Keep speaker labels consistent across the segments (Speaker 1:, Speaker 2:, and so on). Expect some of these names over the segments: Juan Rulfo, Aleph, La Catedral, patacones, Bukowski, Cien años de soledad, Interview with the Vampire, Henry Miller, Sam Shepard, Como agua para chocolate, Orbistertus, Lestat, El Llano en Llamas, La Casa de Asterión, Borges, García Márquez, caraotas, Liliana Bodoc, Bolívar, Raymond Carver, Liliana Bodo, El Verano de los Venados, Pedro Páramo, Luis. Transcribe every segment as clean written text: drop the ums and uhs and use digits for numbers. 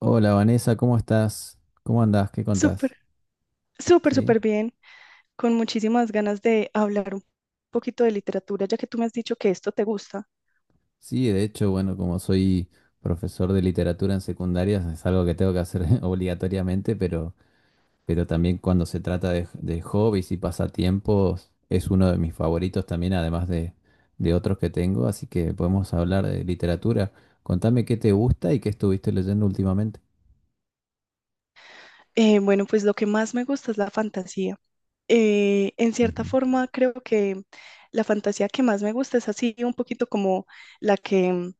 Speaker 1: Hola Vanessa, ¿cómo estás? ¿Cómo andás? ¿Qué
Speaker 2: Súper,
Speaker 1: contás?
Speaker 2: súper,
Speaker 1: ¿Sí?
Speaker 2: súper bien, con muchísimas ganas de hablar un poquito de literatura, ya que tú me has dicho que esto te gusta.
Speaker 1: Sí, de hecho, bueno, como soy profesor de literatura en secundarias, es algo que tengo que hacer obligatoriamente, pero también cuando se trata de hobbies y pasatiempos, es uno de mis favoritos también, de otros que tengo, así que podemos hablar de literatura. Contame qué te gusta y qué estuviste leyendo últimamente.
Speaker 2: Bueno, pues lo que más me gusta es la fantasía. En cierta
Speaker 1: Ujú.
Speaker 2: forma, creo que la fantasía que más me gusta es así, un poquito como la que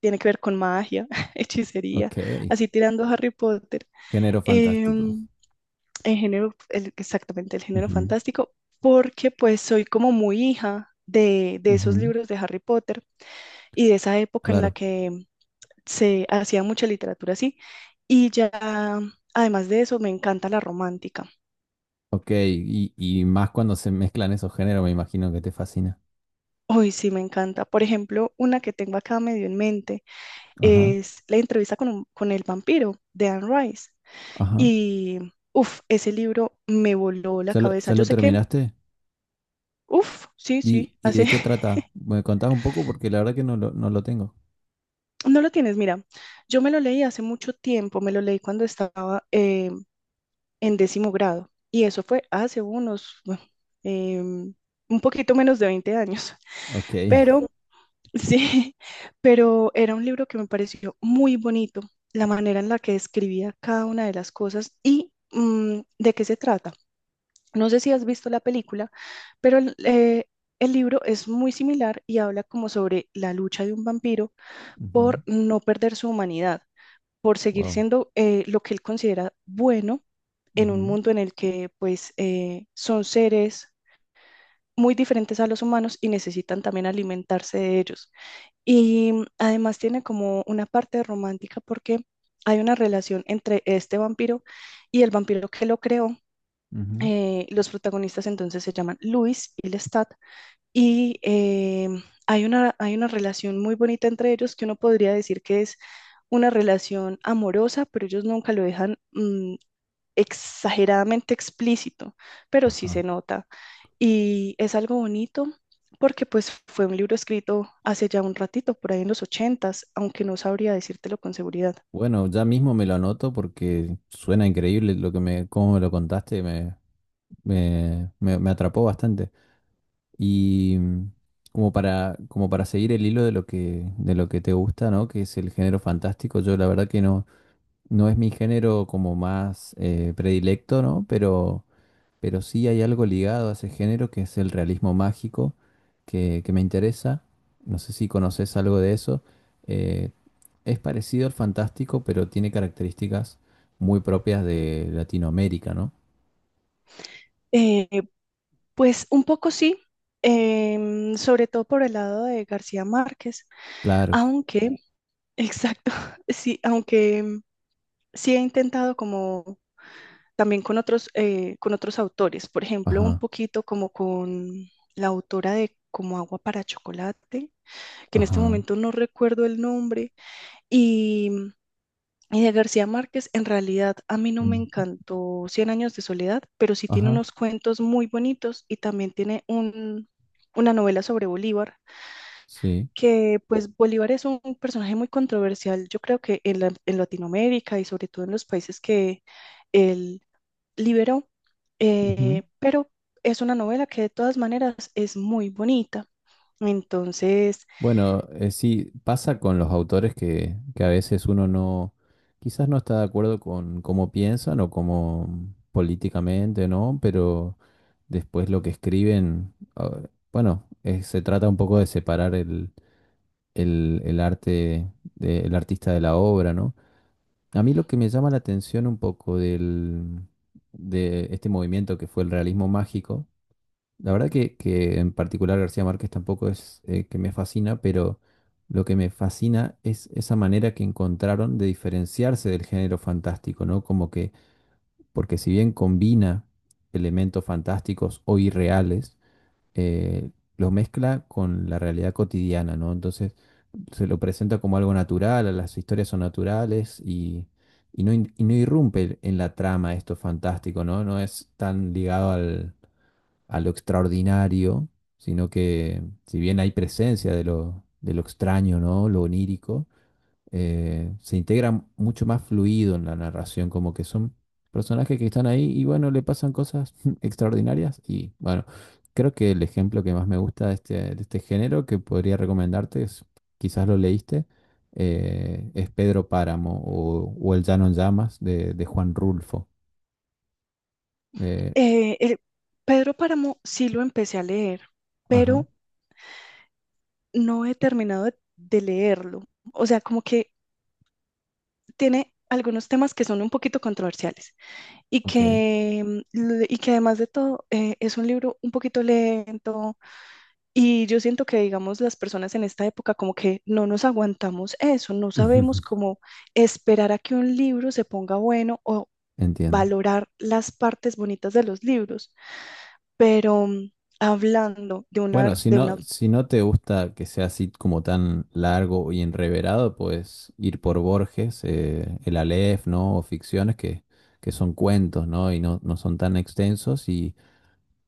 Speaker 2: tiene que ver con magia, hechicería,
Speaker 1: Ok,
Speaker 2: así tirando a Harry Potter.
Speaker 1: género fantástico.
Speaker 2: Em, el género, exactamente, el género
Speaker 1: Ujú,
Speaker 2: fantástico, porque pues soy como muy hija de esos
Speaker 1: ujú,
Speaker 2: libros de Harry Potter, y de esa época en la
Speaker 1: claro.
Speaker 2: que se hacía mucha literatura así. Y ya, además de eso, me encanta la romántica.
Speaker 1: Ok, y más cuando se mezclan esos géneros, me imagino que te fascina.
Speaker 2: Hoy sí me encanta. Por ejemplo, una que tengo acá medio en mente
Speaker 1: Ajá,
Speaker 2: es la entrevista con, con el vampiro de Anne Rice.
Speaker 1: ajá.
Speaker 2: Y uff, ese libro me voló la cabeza.
Speaker 1: Ya
Speaker 2: Yo
Speaker 1: lo
Speaker 2: sé que,
Speaker 1: terminaste?
Speaker 2: uff, sí, sí,
Speaker 1: Y
Speaker 2: hace.
Speaker 1: de qué trata? ¿Me contás un poco? Porque la verdad que no lo tengo.
Speaker 2: No lo tienes, mira, yo me lo leí hace mucho tiempo, me lo leí cuando estaba, en décimo grado. Y eso fue hace unos, bueno, em, un poquito menos de 20 años.
Speaker 1: Ok.
Speaker 2: Pero sí, pero era un libro que me pareció muy bonito, la manera en la que describía cada una de las cosas y de qué se trata. No sé si has visto la película, pero el libro es muy similar y habla como sobre la lucha de un vampiro
Speaker 1: Ujú.
Speaker 2: por no perder su humanidad, por seguir
Speaker 1: Wow.
Speaker 2: siendo lo que él considera bueno en un
Speaker 1: Ujú,
Speaker 2: mundo en el que pues son seres muy diferentes a los humanos y necesitan también alimentarse de ellos. Y además tiene como una parte romántica porque hay una relación entre este vampiro y el vampiro que lo creó.
Speaker 1: ujú,
Speaker 2: Los protagonistas entonces se llaman Luis y Lestat, y hay una relación muy bonita entre ellos que uno podría decir que es una relación amorosa, pero ellos nunca lo dejan exageradamente explícito, pero sí se
Speaker 1: ajá.
Speaker 2: nota. Y es algo bonito porque pues fue un libro escrito hace ya un ratito, por ahí en los 80, aunque no sabría decírtelo con seguridad.
Speaker 1: Bueno, ya mismo me lo anoto porque suena increíble lo que me, cómo me lo contaste, me atrapó bastante. Y como para, como para seguir el hilo de de lo que te gusta, ¿no? Que es el género fantástico, yo la verdad que no. No es mi género como más predilecto, ¿no? Pero sí hay algo ligado a ese género que es el realismo mágico que me interesa. No sé si conoces algo de eso. Eh, es parecido al fantástico, pero tiene características muy propias de Latinoamérica, ¿no?
Speaker 2: Eh, pues un poco sí, sobre todo por el lado de García Márquez,
Speaker 1: Claro.
Speaker 2: aunque, exacto, sí, aunque sí he intentado como también con otros autores, por ejemplo, un
Speaker 1: Ajá,
Speaker 2: poquito como con la autora de Como agua para chocolate, que en este
Speaker 1: ajá.
Speaker 2: momento no recuerdo el nombre, y, y de García Márquez, en realidad a mí no me
Speaker 1: Mm.
Speaker 2: encantó Cien años de soledad, pero sí tiene
Speaker 1: Ajá,
Speaker 2: unos cuentos muy bonitos y también tiene un, una novela sobre Bolívar,
Speaker 1: sí.
Speaker 2: que pues Bolívar es un personaje muy controversial, yo creo que en Latinoamérica y sobre todo en los países que él liberó, pero es una novela que de todas maneras es muy bonita. Entonces,
Speaker 1: Bueno, sí, pasa con los autores que a veces uno no, quizás no está de acuerdo con cómo piensan o cómo políticamente, ¿no? Pero después lo que escriben, ah, bueno, se trata un poco de separar el arte del artista de la obra, ¿no? A mí lo que me llama la atención un poco del, de este movimiento que fue el realismo mágico, la verdad que en particular García Márquez tampoco es que me fascina, pero lo que me fascina es esa manera que encontraron de diferenciarse del género fantástico, ¿no? Como que, porque si bien combina elementos fantásticos o irreales, eh, lo mezcla con la realidad cotidiana, ¿no? Entonces se lo presenta como algo natural, las historias son naturales y no, y no irrumpe en la trama esto fantástico, ¿no? No es tan ligado al a lo extraordinario, sino que si bien hay presencia de de lo extraño, ¿no? Lo onírico, se integra mucho más fluido en la narración, como que son personajes que están ahí y bueno, le pasan cosas extraordinarias y bueno, creo que el ejemplo que más me gusta de de este género que podría recomendarte es, quizás lo leíste, es Pedro Páramo o El Llano en Llamas de Juan Rulfo. Eh,
Speaker 2: eh, el- Pedro Páramo sí lo empecé a leer,
Speaker 1: ajá,
Speaker 2: pero no he terminado de, leerlo. O sea, como que tiene algunos temas que son un poquito controversiales y
Speaker 1: ok.
Speaker 2: que, y que además de todo es un libro un poquito lento. Y yo siento que, digamos, las personas en esta época como que no nos aguantamos eso, no sabemos cómo esperar a que un libro se ponga bueno o
Speaker 1: Entiendo.
Speaker 2: valorar las partes bonitas de los libros. Pero hablando de una,
Speaker 1: Bueno, si
Speaker 2: de una.
Speaker 1: no, si no te gusta que sea así como tan largo y enreverado, puedes ir por Borges, el Aleph, ¿no? O ficciones que son cuentos, ¿no? Y no, no son tan extensos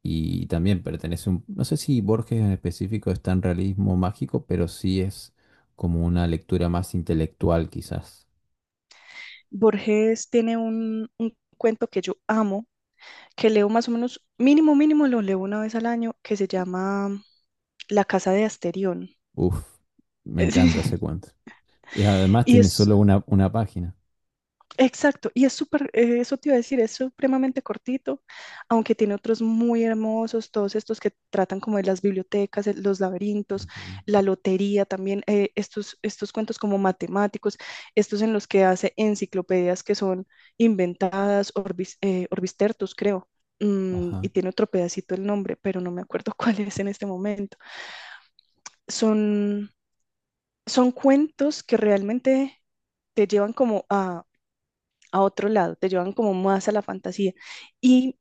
Speaker 1: y también pertenece un... No sé si Borges en específico es tan realismo mágico, pero sí es como una lectura más intelectual quizás.
Speaker 2: Borges tiene un cuento que yo amo, que leo más o menos, mínimo, mínimo, lo leo una vez al año, que se llama La Casa de Asterión.
Speaker 1: Uf, me encanta
Speaker 2: Sí.
Speaker 1: ese cuento. Y además
Speaker 2: Y
Speaker 1: tiene
Speaker 2: es,
Speaker 1: solo una página.
Speaker 2: Exacto, y es súper, eso te iba a decir, es supremamente cortito, aunque tiene otros muy hermosos, todos estos que tratan como de las bibliotecas, los laberintos,
Speaker 1: Ujú.
Speaker 2: la lotería también, estos cuentos como matemáticos, estos en los que hace enciclopedias que son inventadas, Orbis, Orbistertus, creo,
Speaker 1: Ajá.
Speaker 2: y tiene otro pedacito el nombre, pero no me acuerdo cuál es en este momento. Son, son cuentos que realmente te llevan como a otro lado, te llevan como más a la fantasía. Y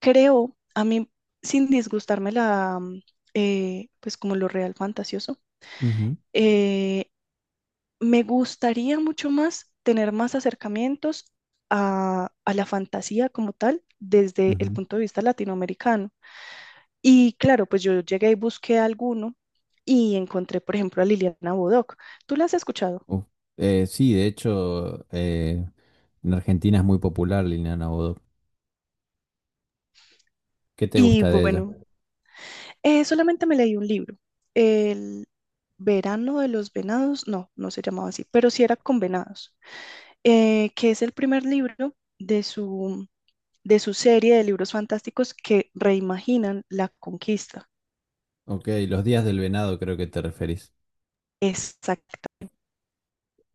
Speaker 2: creo, a mí, sin disgustarme la, pues como lo real fantasioso,
Speaker 1: Ujú,
Speaker 2: eh, me gustaría mucho más tener más acercamientos a la fantasía como tal desde el
Speaker 1: ujú.
Speaker 2: punto de vista latinoamericano. Y claro, pues yo llegué y busqué alguno y encontré, por ejemplo, a Liliana Bodoc. ¿Tú la has escuchado?
Speaker 1: Uf, sí, de hecho, en Argentina es muy popular Liliana Bodo. ¿Qué te
Speaker 2: Y
Speaker 1: gusta de ella?
Speaker 2: bueno, solamente me leí un libro, El Verano de los Venados, no, no se llamaba así, pero sí era con venados, que es el primer libro de su, serie de libros fantásticos que reimaginan la conquista.
Speaker 1: Ok, los días del venado creo que te referís.
Speaker 2: Exacta.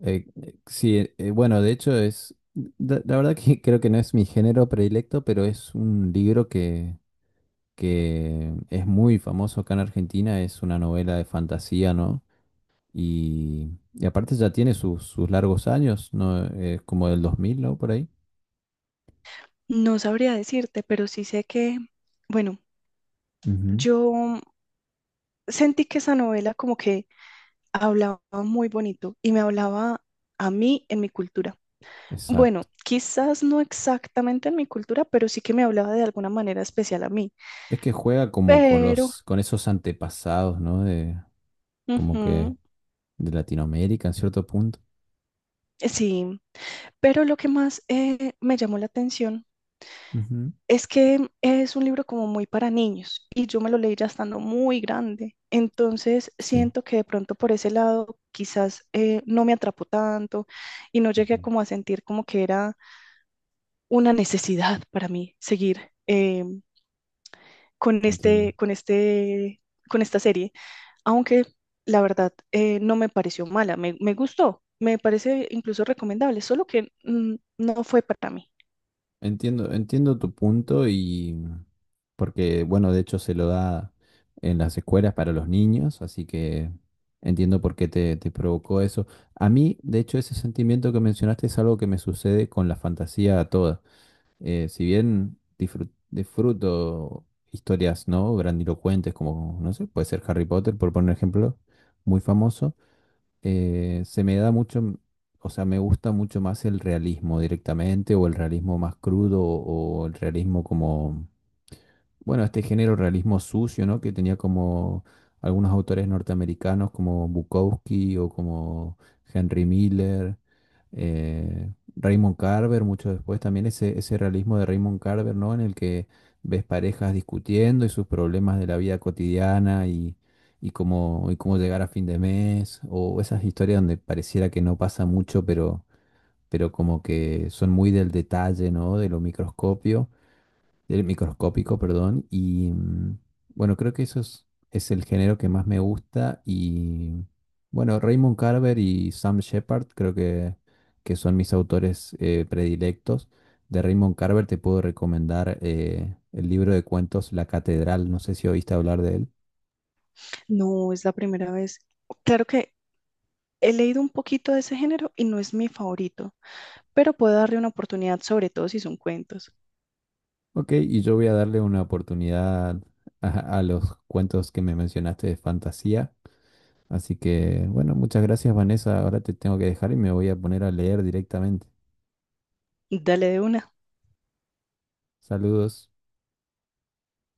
Speaker 1: Sí, bueno, de hecho es, la verdad que creo que no es mi género predilecto, pero es un libro que es muy famoso acá en Argentina, es una novela de fantasía, ¿no? Y aparte ya tiene sus largos años, ¿no? Es como del 2000 ¿no? Por ahí.
Speaker 2: No sabría decirte, pero sí sé que, bueno,
Speaker 1: Ujú,
Speaker 2: yo sentí que esa novela como que hablaba muy bonito y me hablaba a mí en mi cultura. Bueno,
Speaker 1: exacto.
Speaker 2: quizás no exactamente en mi cultura, pero sí que me hablaba de alguna manera especial a mí.
Speaker 1: Es que juega como con
Speaker 2: Pero,
Speaker 1: los, con esos antepasados, ¿no? De, como
Speaker 2: Ujú,
Speaker 1: que de Latinoamérica en cierto punto.
Speaker 2: sí, pero lo que más me llamó la atención
Speaker 1: Ujú,
Speaker 2: es que es un libro como muy para niños y yo me lo leí ya estando muy grande. Entonces
Speaker 1: sí,
Speaker 2: siento que de pronto por ese lado quizás no me atrapó tanto y no llegué
Speaker 1: ujú,
Speaker 2: como a sentir como que era una necesidad para mí seguir con
Speaker 1: entiendo.
Speaker 2: este, con este, con esta serie, aunque la verdad no me pareció mala, me gustó, me parece incluso recomendable, solo que no fue para mí.
Speaker 1: Entiendo, entiendo tu punto y porque, bueno, de hecho se lo da en las escuelas para los niños, así que entiendo por qué te, te provocó eso. A mí, de hecho, ese sentimiento que mencionaste es algo que me sucede con la fantasía toda. Si bien disfruto historias, ¿no? Grandilocuentes, como, no sé, puede ser Harry Potter, por poner un ejemplo, muy famoso, se me da mucho, o sea, me gusta mucho más el realismo directamente, o el realismo más crudo, o el realismo como bueno, este género realismo sucio, ¿no? Que tenía como algunos autores norteamericanos como Bukowski o como Henry Miller, Raymond Carver, mucho después también ese realismo de Raymond Carver, ¿no? En el que ves parejas discutiendo y sus problemas de la vida cotidiana y cómo llegar a fin de mes, o esas historias donde pareciera que no pasa mucho, pero como que son muy del detalle, ¿no? De lo microscopio Del microscópico, perdón. Y bueno, creo que eso es el género que más me gusta. Y bueno, Raymond Carver y Sam Shepard creo que son mis autores predilectos. De Raymond Carver te puedo recomendar el libro de cuentos La Catedral. No sé si oíste hablar de él.
Speaker 2: No es la primera vez. Claro que he leído un poquito de ese género y no es mi favorito, pero puedo darle una oportunidad, sobre todo si son cuentos.
Speaker 1: Ok, y yo voy a darle una oportunidad a, a los cuentos que me mencionaste de fantasía. Así que, bueno, muchas gracias, Vanessa. Ahora te tengo que dejar y me voy a poner a leer directamente.
Speaker 2: Dale de una.
Speaker 1: Saludos.